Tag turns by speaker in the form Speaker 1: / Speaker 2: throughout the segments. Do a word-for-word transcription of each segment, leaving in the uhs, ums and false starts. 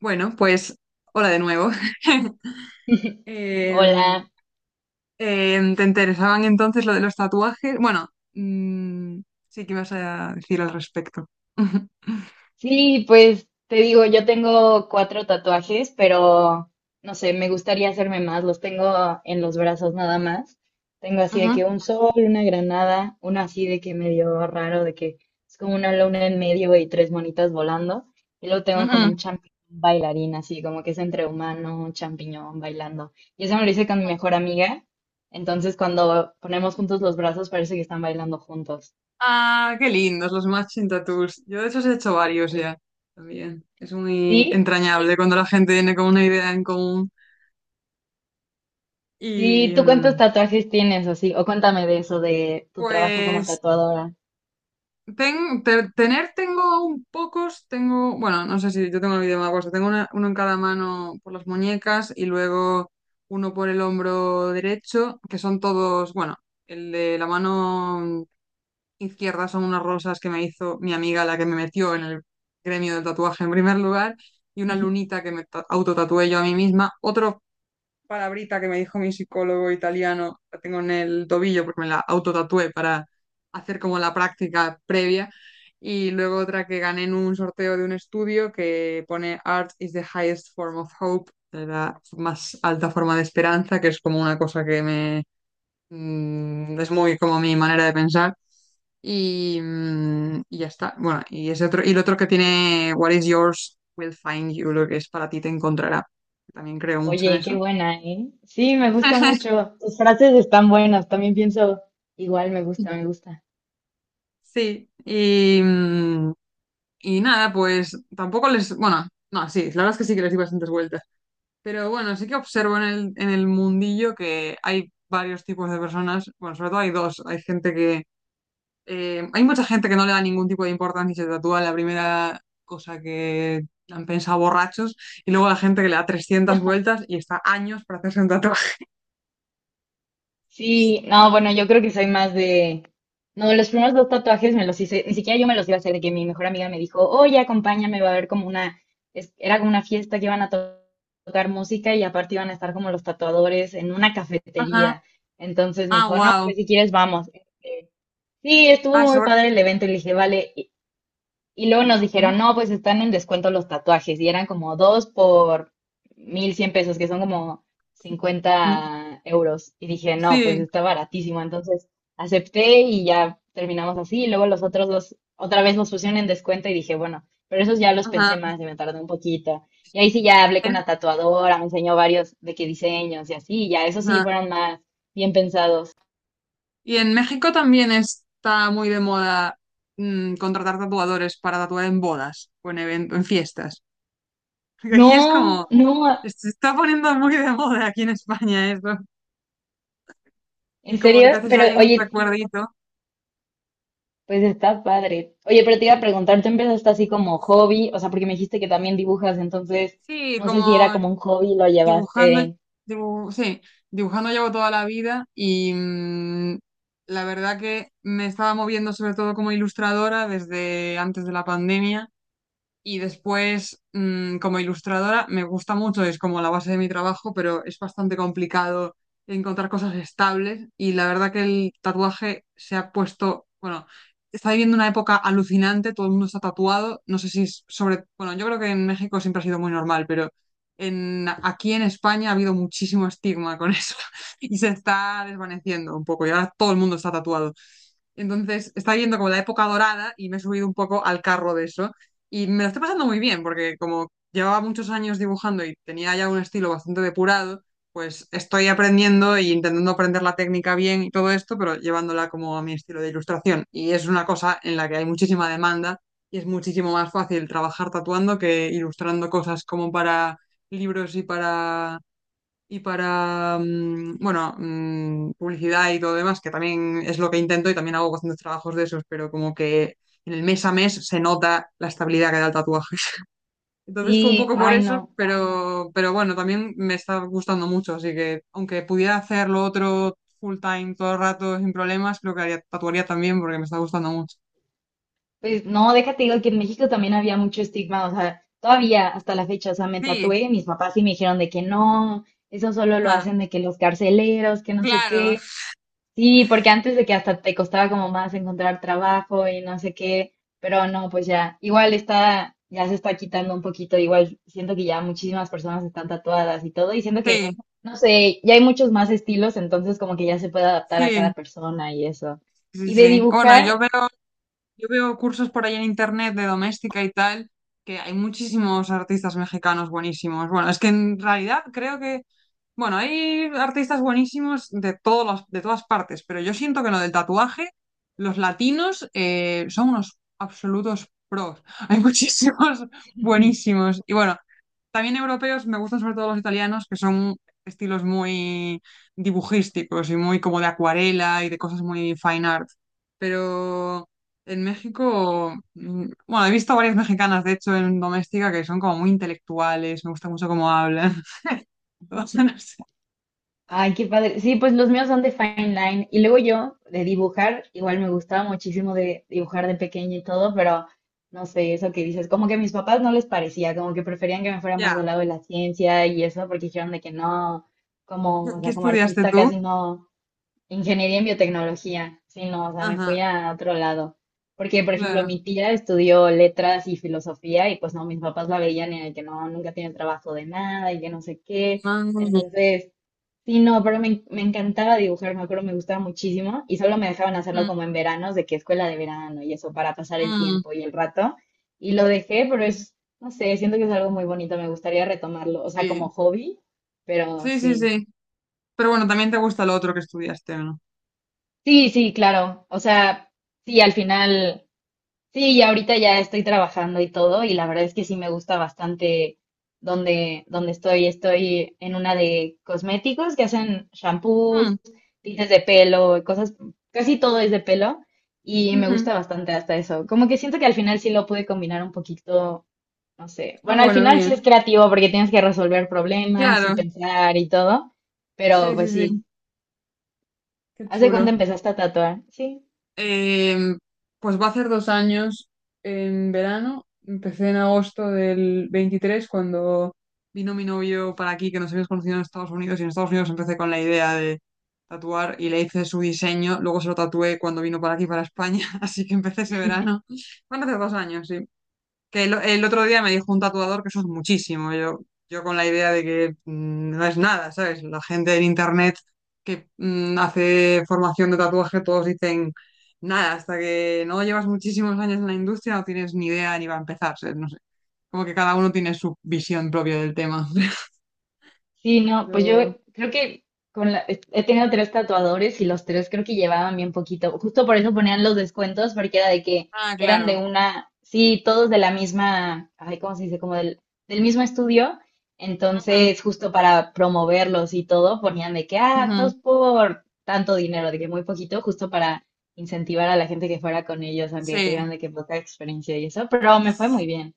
Speaker 1: Bueno, pues hola de nuevo. Em,
Speaker 2: Hola.
Speaker 1: em, ¿te interesaban entonces lo de los tatuajes? Bueno, mm, sí. ¿Qué vas a decir al respecto?
Speaker 2: Sí, pues te digo, yo tengo cuatro tatuajes, pero no sé, me gustaría hacerme más. Los tengo en los brazos nada más. Tengo así de
Speaker 1: Ujú,
Speaker 2: que un sol, una granada, uno así de que medio raro, de que es como una luna en medio y tres monitas volando. Y luego tengo como
Speaker 1: ujú.
Speaker 2: un champiñón bailarín, así como que es entre humano, un champiñón bailando. Y eso me lo hice con mi mejor amiga. Entonces, cuando ponemos juntos los brazos, parece que están bailando juntos.
Speaker 1: Ah, qué lindos los matching tattoos. Yo de esos he hecho varios ya también. Es muy
Speaker 2: ¿Sí?
Speaker 1: entrañable cuando la gente viene con una idea en común.
Speaker 2: Sí,
Speaker 1: Y
Speaker 2: ¿tú cuántos
Speaker 1: mm,
Speaker 2: tatuajes tienes así? O cuéntame de eso, de tu trabajo como
Speaker 1: pues
Speaker 2: tatuadora.
Speaker 1: Ten- te- tener tengo un pocos, tengo, bueno, no sé si yo tengo el vídeo más puesto, tengo una- uno en cada mano por las muñecas y luego uno por el hombro derecho, que son todos, bueno, el de la mano izquierda son unas rosas que me hizo mi amiga, la que me metió en el gremio del tatuaje en primer lugar, y una lunita que me ta- autotatué yo a mí misma. Otro palabrita que me dijo mi psicólogo italiano, la tengo en el tobillo porque me la autotatué para hacer como la práctica previa. Y luego otra que gané en un sorteo de un estudio que pone Art is the highest form of hope, la más alta forma de esperanza, que es como una cosa que me... mm, es muy como mi manera de pensar. Y, mm, y ya está. Bueno, y ese otro, y el otro que tiene What is yours will find you, lo que es para ti te encontrará. También creo mucho en
Speaker 2: Oye, qué
Speaker 1: eso.
Speaker 2: buena, ¿eh? Sí, me gusta mucho. Tus frases están buenas, también pienso, igual me gusta, me gusta.
Speaker 1: Sí, y, mm, y nada, pues tampoco les, bueno, no, sí, la verdad es que sí que les di bastantes vueltas, pero bueno, sí que observo en el, en el mundillo que hay varios tipos de personas, bueno, sobre todo hay dos, hay gente que, eh, hay mucha gente que no le da ningún tipo de importancia y se tatúa la primera cosa que han pensado borrachos, y luego la gente que le da trescientas vueltas y está años para hacerse un tatuaje.
Speaker 2: Sí, no, bueno, yo creo que soy más de... No, los primeros dos tatuajes me los hice, ni siquiera yo me los iba a hacer, de que mi mejor amiga me dijo, oye, acompáñame, va a haber como una, es- era como una fiesta que iban a to- tocar música y aparte iban a estar como los tatuadores en una
Speaker 1: Ajá,
Speaker 2: cafetería. Entonces me
Speaker 1: ah,
Speaker 2: dijo, no,
Speaker 1: wow,
Speaker 2: pues si quieres vamos. Sí, estuvo
Speaker 1: ah,
Speaker 2: muy
Speaker 1: sobre.
Speaker 2: padre el evento y le dije, vale. Y, y luego nos dijeron,
Speaker 1: Ujú.
Speaker 2: no, pues están en descuento los tatuajes. Y eran como dos por mil cien pesos, que son como
Speaker 1: Mm,
Speaker 2: cincuenta euros. Y dije, no, pues
Speaker 1: sí,
Speaker 2: está baratísimo. Entonces acepté y ya terminamos así. Y luego los otros dos, otra vez los pusieron en descuento y dije, bueno, pero esos ya los
Speaker 1: ajá.
Speaker 2: pensé más y me tardé un poquito. Y ahí sí ya hablé con
Speaker 1: En-
Speaker 2: la tatuadora, me enseñó varios de qué diseños y así. Y ya, esos sí
Speaker 1: ajá.
Speaker 2: fueron más bien pensados.
Speaker 1: Y en México también está muy de moda mm, contratar tatuadores para tatuar en bodas o en eventos, en fiestas. Porque aquí es como,
Speaker 2: No, no.
Speaker 1: se está poniendo muy de moda aquí en España eso.
Speaker 2: ¿En
Speaker 1: Y como que
Speaker 2: serio?
Speaker 1: te haces
Speaker 2: Pero
Speaker 1: ahí un
Speaker 2: oye,
Speaker 1: recuerdito.
Speaker 2: pues está padre. Oye, pero te iba a preguntar, ¿tú empezaste así como hobby? O sea, porque me dijiste que también dibujas, entonces
Speaker 1: Sí,
Speaker 2: no sé si era
Speaker 1: como
Speaker 2: como un hobby, lo
Speaker 1: dibujando,
Speaker 2: llevaste.
Speaker 1: dibu- sí, dibujando llevo toda la vida y mm, la verdad que me estaba moviendo sobre todo como ilustradora desde antes de la pandemia. Y después, mm, como ilustradora, me gusta mucho, es como la base de mi trabajo, pero es bastante complicado encontrar cosas estables. Y la verdad que el tatuaje se ha puesto, bueno, está viviendo una época alucinante, todo el mundo está tatuado. No sé si es sobre, bueno, yo creo que en México siempre ha sido muy normal, pero en, aquí en España ha habido muchísimo estigma con eso y se está desvaneciendo un poco. Y ahora todo el mundo está tatuado. Entonces está yendo como la época dorada y me he subido un poco al carro de eso. Y me lo estoy pasando muy bien porque como llevaba muchos años dibujando y tenía ya un estilo bastante depurado, pues estoy aprendiendo y intentando aprender la técnica bien y todo esto, pero llevándola como a mi estilo de ilustración. Y es una cosa en la que hay muchísima demanda y es muchísimo más fácil trabajar tatuando que ilustrando cosas como para libros y para y para, mm, bueno, mm, publicidad y todo lo demás, que también es lo que intento y también hago bastantes trabajos de esos, pero como que en el mes a mes se nota la estabilidad que da el tatuaje. Entonces fue un
Speaker 2: Sí,
Speaker 1: poco por
Speaker 2: ay
Speaker 1: eso,
Speaker 2: no.
Speaker 1: pero, pero bueno, también me está gustando mucho, así que aunque pudiera hacer lo otro full time todo el rato sin problemas, creo que haría, tatuaría también porque me está gustando mucho.
Speaker 2: Pues no, déjate digo que en México también había mucho estigma, o sea, todavía hasta la fecha, o sea, me
Speaker 1: Sí,
Speaker 2: tatué, mis papás sí me dijeron de que no, eso solo lo
Speaker 1: ah,
Speaker 2: hacen de que los carceleros, que no sé
Speaker 1: claro,
Speaker 2: qué. Sí, porque antes de que hasta te costaba como más encontrar trabajo y no sé qué, pero no, pues ya, igual está, ya se está quitando un poquito, igual siento que ya muchísimas personas están tatuadas y todo, y siento que,
Speaker 1: sí,
Speaker 2: no sé, ya hay muchos más estilos, entonces como que ya se puede adaptar a cada
Speaker 1: sí,
Speaker 2: persona y eso.
Speaker 1: sí,
Speaker 2: Y de
Speaker 1: sí. Bueno, yo
Speaker 2: dibujar,
Speaker 1: veo Yo veo cursos por ahí en internet de doméstica y tal, que hay muchísimos artistas mexicanos buenísimos. Bueno, es que en realidad creo que, bueno, hay artistas buenísimos de todas las- de todas partes, pero yo siento que en lo del tatuaje, los latinos eh, son unos absolutos pros. Hay muchísimos buenísimos. Y bueno, también europeos, me gustan sobre todo los italianos, que son estilos muy dibujísticos y muy como de acuarela y de cosas muy fine art. Pero en México, mm, bueno, he visto varias mexicanas, de hecho, en Doméstica, que son como muy intelectuales, me gusta mucho cómo hablan. No sé.
Speaker 2: ay, qué padre. Sí, pues los míos son de fine line. Y luego yo, de dibujar, igual me gustaba muchísimo de dibujar de pequeña y todo, pero no sé, eso que dices, como que a mis papás no les parecía, como que preferían que me fuera más
Speaker 1: Ya.
Speaker 2: del lado de la ciencia y eso, porque dijeron de que no,
Speaker 1: ¿Qué
Speaker 2: como, o
Speaker 1: qué
Speaker 2: sea, como
Speaker 1: estudiaste
Speaker 2: artista
Speaker 1: tú?
Speaker 2: casi no, ingeniería en biotecnología, sino, o sea, me fui
Speaker 1: Ajá,
Speaker 2: a otro lado. Porque, por ejemplo,
Speaker 1: claro.
Speaker 2: mi tía estudió letras y filosofía y pues no, mis papás la veían y de que no, nunca tiene trabajo de nada y que no sé qué.
Speaker 1: Ah, mm,
Speaker 2: Entonces... sí, no, pero me, en- me encantaba dibujar, me acuerdo, me gustaba muchísimo y solo me dejaban hacerlo como en veranos, de que escuela de verano y eso, para pasar el
Speaker 1: mm,
Speaker 2: tiempo y el rato. Y lo dejé, pero es, no sé, siento que es algo muy bonito, me gustaría retomarlo, o sea, como
Speaker 1: sí.
Speaker 2: hobby, pero
Speaker 1: Sí, sí,
Speaker 2: sí.
Speaker 1: sí. Pero bueno, también te gusta lo otro que estudiaste, ¿o no?
Speaker 2: Sí, sí, claro, o sea, sí, al final. Sí, y ahorita ya estoy trabajando y todo, y la verdad es que sí me gusta bastante donde, donde estoy. Estoy en una de cosméticos que hacen shampoos,
Speaker 1: Mm,
Speaker 2: tintes de pelo, cosas, casi todo es de pelo, y me
Speaker 1: ujú.
Speaker 2: gusta bastante hasta eso. Como que siento que al final sí lo pude combinar un poquito, no sé.
Speaker 1: Ah,
Speaker 2: Bueno, al
Speaker 1: bueno,
Speaker 2: final
Speaker 1: bien.
Speaker 2: sí es creativo porque tienes que resolver problemas y
Speaker 1: Claro.
Speaker 2: pensar y todo, pero
Speaker 1: Sí, sí,
Speaker 2: pues sí.
Speaker 1: sí. Qué
Speaker 2: ¿Hace cuándo
Speaker 1: chulo.
Speaker 2: empezaste a tatuar? Sí.
Speaker 1: Eh, pues va a hacer dos años en verano. Empecé en agosto del veintitrés cuando vino mi novio para aquí, que nos habíamos conocido en Estados Unidos. Y en Estados Unidos empecé con la idea de tatuar y le hice su diseño. Luego se lo tatué cuando vino para aquí, para España. Así que empecé ese verano. Van a hacer dos años, sí. Que el, el otro día me dijo un tatuador que eso es muchísimo. Yo, yo con la idea de que mm, no es nada, ¿sabes? La gente en internet que mm, hace formación de tatuaje, todos dicen nada, hasta que no llevas muchísimos años en la industria no tienes ni idea ni va a empezar, ¿sabes? No sé. Como que cada uno tiene su visión propia del tema.
Speaker 2: Sí, no, pues yo
Speaker 1: Pero-
Speaker 2: creo que con la- he tenido tres tatuadores y los tres creo que llevaban bien poquito. Justo por eso ponían los descuentos, porque era de que
Speaker 1: Ah,
Speaker 2: eran de
Speaker 1: claro.
Speaker 2: una, sí, todos de la misma, ay, ¿cómo se dice? Como del, del mismo estudio.
Speaker 1: Ujú,
Speaker 2: Entonces, justo para promoverlos y todo, ponían de que, ah,
Speaker 1: ujú.
Speaker 2: dos por tanto dinero, de que muy poquito, justo para incentivar a la gente que fuera con ellos, aunque
Speaker 1: Sí.
Speaker 2: tuvieran de que poca experiencia y eso, pero me fue muy bien.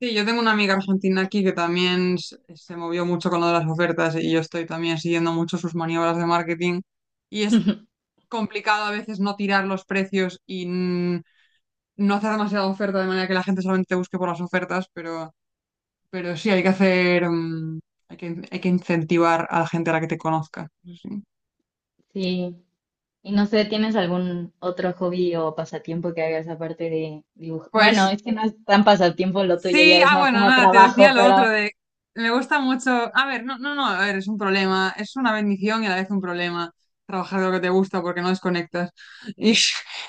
Speaker 1: Sí, yo tengo una amiga argentina aquí que también s- se movió mucho con lo de las ofertas y yo estoy también siguiendo mucho sus maniobras de marketing y es complicado a veces no tirar los precios y mm, no hacer demasiada oferta de manera que la gente solamente te busque por las ofertas, pero, pero sí hay que hacer, mm, hay que, hay que incentivar a la gente a la que te conozca. Eso sí.
Speaker 2: Sí. Y no sé, ¿tienes algún otro hobby o pasatiempo que hagas aparte de dibujar? Bueno,
Speaker 1: Pues
Speaker 2: es que no es tan pasatiempo lo tuyo,
Speaker 1: sí,
Speaker 2: ya es
Speaker 1: ah,
Speaker 2: más
Speaker 1: bueno,
Speaker 2: como
Speaker 1: nada, te decía
Speaker 2: trabajo,
Speaker 1: lo otro
Speaker 2: pero
Speaker 1: de, me gusta mucho, a ver, no, no, no, a ver, es un problema, es una bendición y a la vez un problema trabajar de lo que te gusta porque no desconectas. Y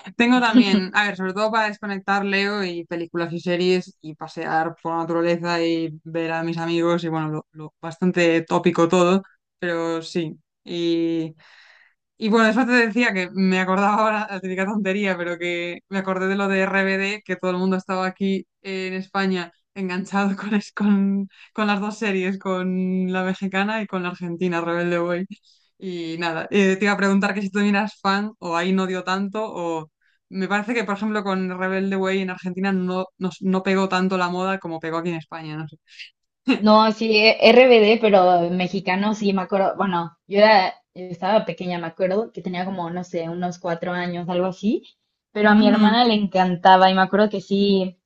Speaker 1: tengo también, a ver, sobre todo para desconectar, leo y películas y series y pasear por la naturaleza y ver a mis amigos y bueno, lo, lo bastante tópico todo, pero sí. Y bueno, eso te decía que me acordaba ahora, la típica tontería, pero que me acordé de lo de R B D, que todo el mundo estaba aquí eh, en España enganchado con, es- con, con las dos series, con la mexicana y con la argentina, Rebelde Way. Y nada, eh, te iba a preguntar que si tú eras fan o ahí no dio tanto, o me parece que, por ejemplo, con Rebelde Way en Argentina no, no, no pegó tanto la moda como pegó aquí en España, no sé.
Speaker 2: no, sí, eh, R B D, pero mexicano, sí, me acuerdo, bueno, yo era, estaba pequeña, me acuerdo que tenía como, no sé, unos cuatro años, algo así, pero a mi
Speaker 1: Ujú.
Speaker 2: hermana le encantaba y me acuerdo que sí.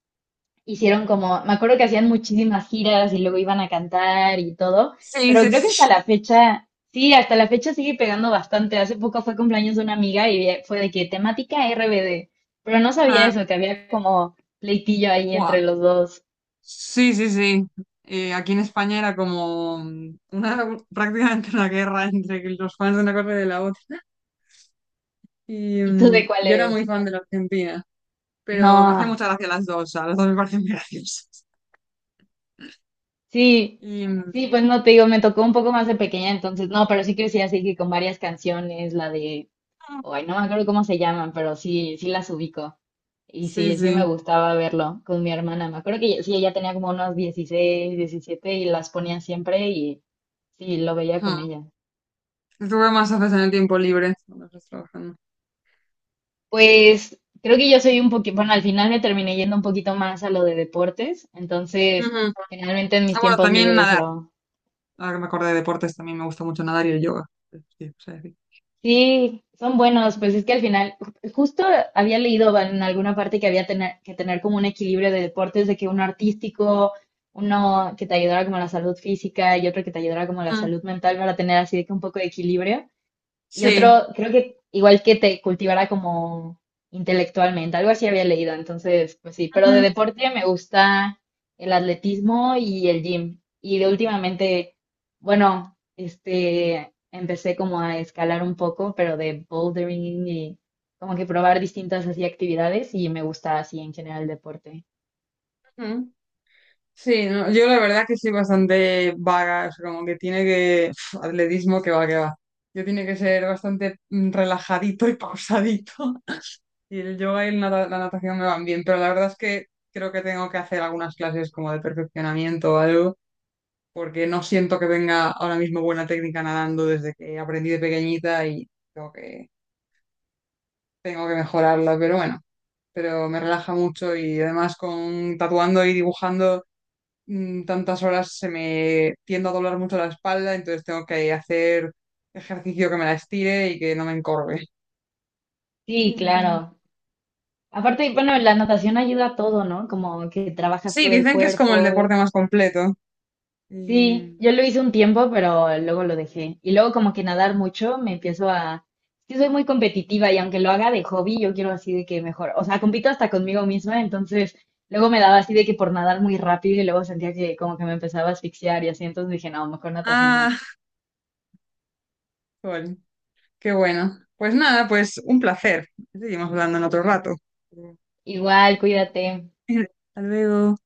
Speaker 2: Hicieron como, me acuerdo que hacían muchísimas giras y luego iban a cantar y todo,
Speaker 1: Sí,
Speaker 2: pero
Speaker 1: sí,
Speaker 2: creo que hasta
Speaker 1: sí.
Speaker 2: la fecha, sí, hasta la fecha sigue pegando bastante. Hace poco fue cumpleaños de una amiga y eh, fue de que temática R B D, pero no sabía
Speaker 1: Ah,
Speaker 2: eso, que había como pleitillo ahí
Speaker 1: guau.
Speaker 2: entre los dos.
Speaker 1: Sí, sí, sí. Eh, aquí en España era como mm, una, prácticamente una guerra entre los fans de una cosa y de la otra. Y
Speaker 2: ¿Y tú
Speaker 1: mm,
Speaker 2: de cuál
Speaker 1: yo era muy
Speaker 2: eres?
Speaker 1: fan de la Argentina,
Speaker 2: No,
Speaker 1: pero me hacía mucha gracia las dos, a las dos me parecen muy graciosas.
Speaker 2: sí,
Speaker 1: Y mm,
Speaker 2: sí, pues no te digo, me tocó un poco más de pequeña, entonces no, pero sí crecí así que con varias canciones, la de, ay, no me acuerdo cómo se llaman, pero sí, sí las ubico. Y
Speaker 1: sí,
Speaker 2: sí, sí me
Speaker 1: sí.
Speaker 2: gustaba verlo con mi hermana. Me acuerdo que ella- sí, ella tenía como unos dieciséis diecisiete y las ponía siempre y sí, lo veía con
Speaker 1: Hmm.
Speaker 2: ella.
Speaker 1: Tuve más haces en el tiempo libre cuando estás trabajando.
Speaker 2: Pues creo que yo soy un poquito, bueno, al final me terminé yendo un poquito más a lo de deportes, entonces
Speaker 1: Ujú.
Speaker 2: generalmente en mis
Speaker 1: Ah, bueno,
Speaker 2: tiempos
Speaker 1: también
Speaker 2: libres.
Speaker 1: nadar. Ahora que me acordé de deportes, también me gusta mucho nadar y el yoga. Sí, o sea, sí.
Speaker 2: Sí, son buenos, pues es que al final, ju- justo había leído bueno, en alguna parte que había tener, que tener como un equilibrio de deportes, de que uno artístico, uno que te ayudara como a la salud física y otro que te ayudara como a la
Speaker 1: Mm,
Speaker 2: salud mental para tener así de que un poco de equilibrio. Y
Speaker 1: sí.
Speaker 2: otro, creo que igual que te cultivara como intelectualmente, algo así había leído, entonces, pues sí, pero de
Speaker 1: Ujú,
Speaker 2: deporte me gusta el atletismo y el gym. Y de últimamente, bueno, este, empecé como a escalar un poco, pero de bouldering y como que probar distintas así actividades y me gusta así en general el deporte.
Speaker 1: ujú. Sí, no, yo la verdad que soy bastante vaga, o sea, como que tiene que... pf, atletismo que va, que va. Yo tiene que ser bastante mm, relajadito y pausadito. Y el yoga y el nata- la natación me van bien, pero la verdad es que creo que tengo que hacer algunas clases como de perfeccionamiento o algo, porque no siento que tenga ahora mismo buena técnica nadando desde que aprendí de pequeñita y tengo que, tengo que mejorarla, pero bueno, pero me relaja mucho y además con tatuando y dibujando. mm, tantas horas se me tiende a doblar mucho la espalda, entonces tengo que hacer ejercicio que me la estire y que no me encorve.
Speaker 2: Sí,
Speaker 1: Entonces,
Speaker 2: claro. Aparte, bueno, la natación ayuda a todo, ¿no? Como que trabajas
Speaker 1: sí,
Speaker 2: todo el
Speaker 1: dicen que es como el
Speaker 2: cuerpo.
Speaker 1: deporte más completo.
Speaker 2: Sí,
Speaker 1: Y...
Speaker 2: yo lo hice un tiempo, pero luego lo dejé. Y luego como que nadar mucho, me empiezo a... Es que soy muy competitiva y aunque lo haga de hobby, yo quiero así de que mejor. O sea, compito hasta conmigo misma, entonces luego me daba así de que por nadar muy rápido y luego sentía que como que me empezaba a asfixiar y así, entonces dije, no, mejor natación no.
Speaker 1: Ah, bueno, qué bueno. Pues nada, pues un placer. Seguimos hablando en otro rato.
Speaker 2: Igual, cuídate.
Speaker 1: Hasta luego.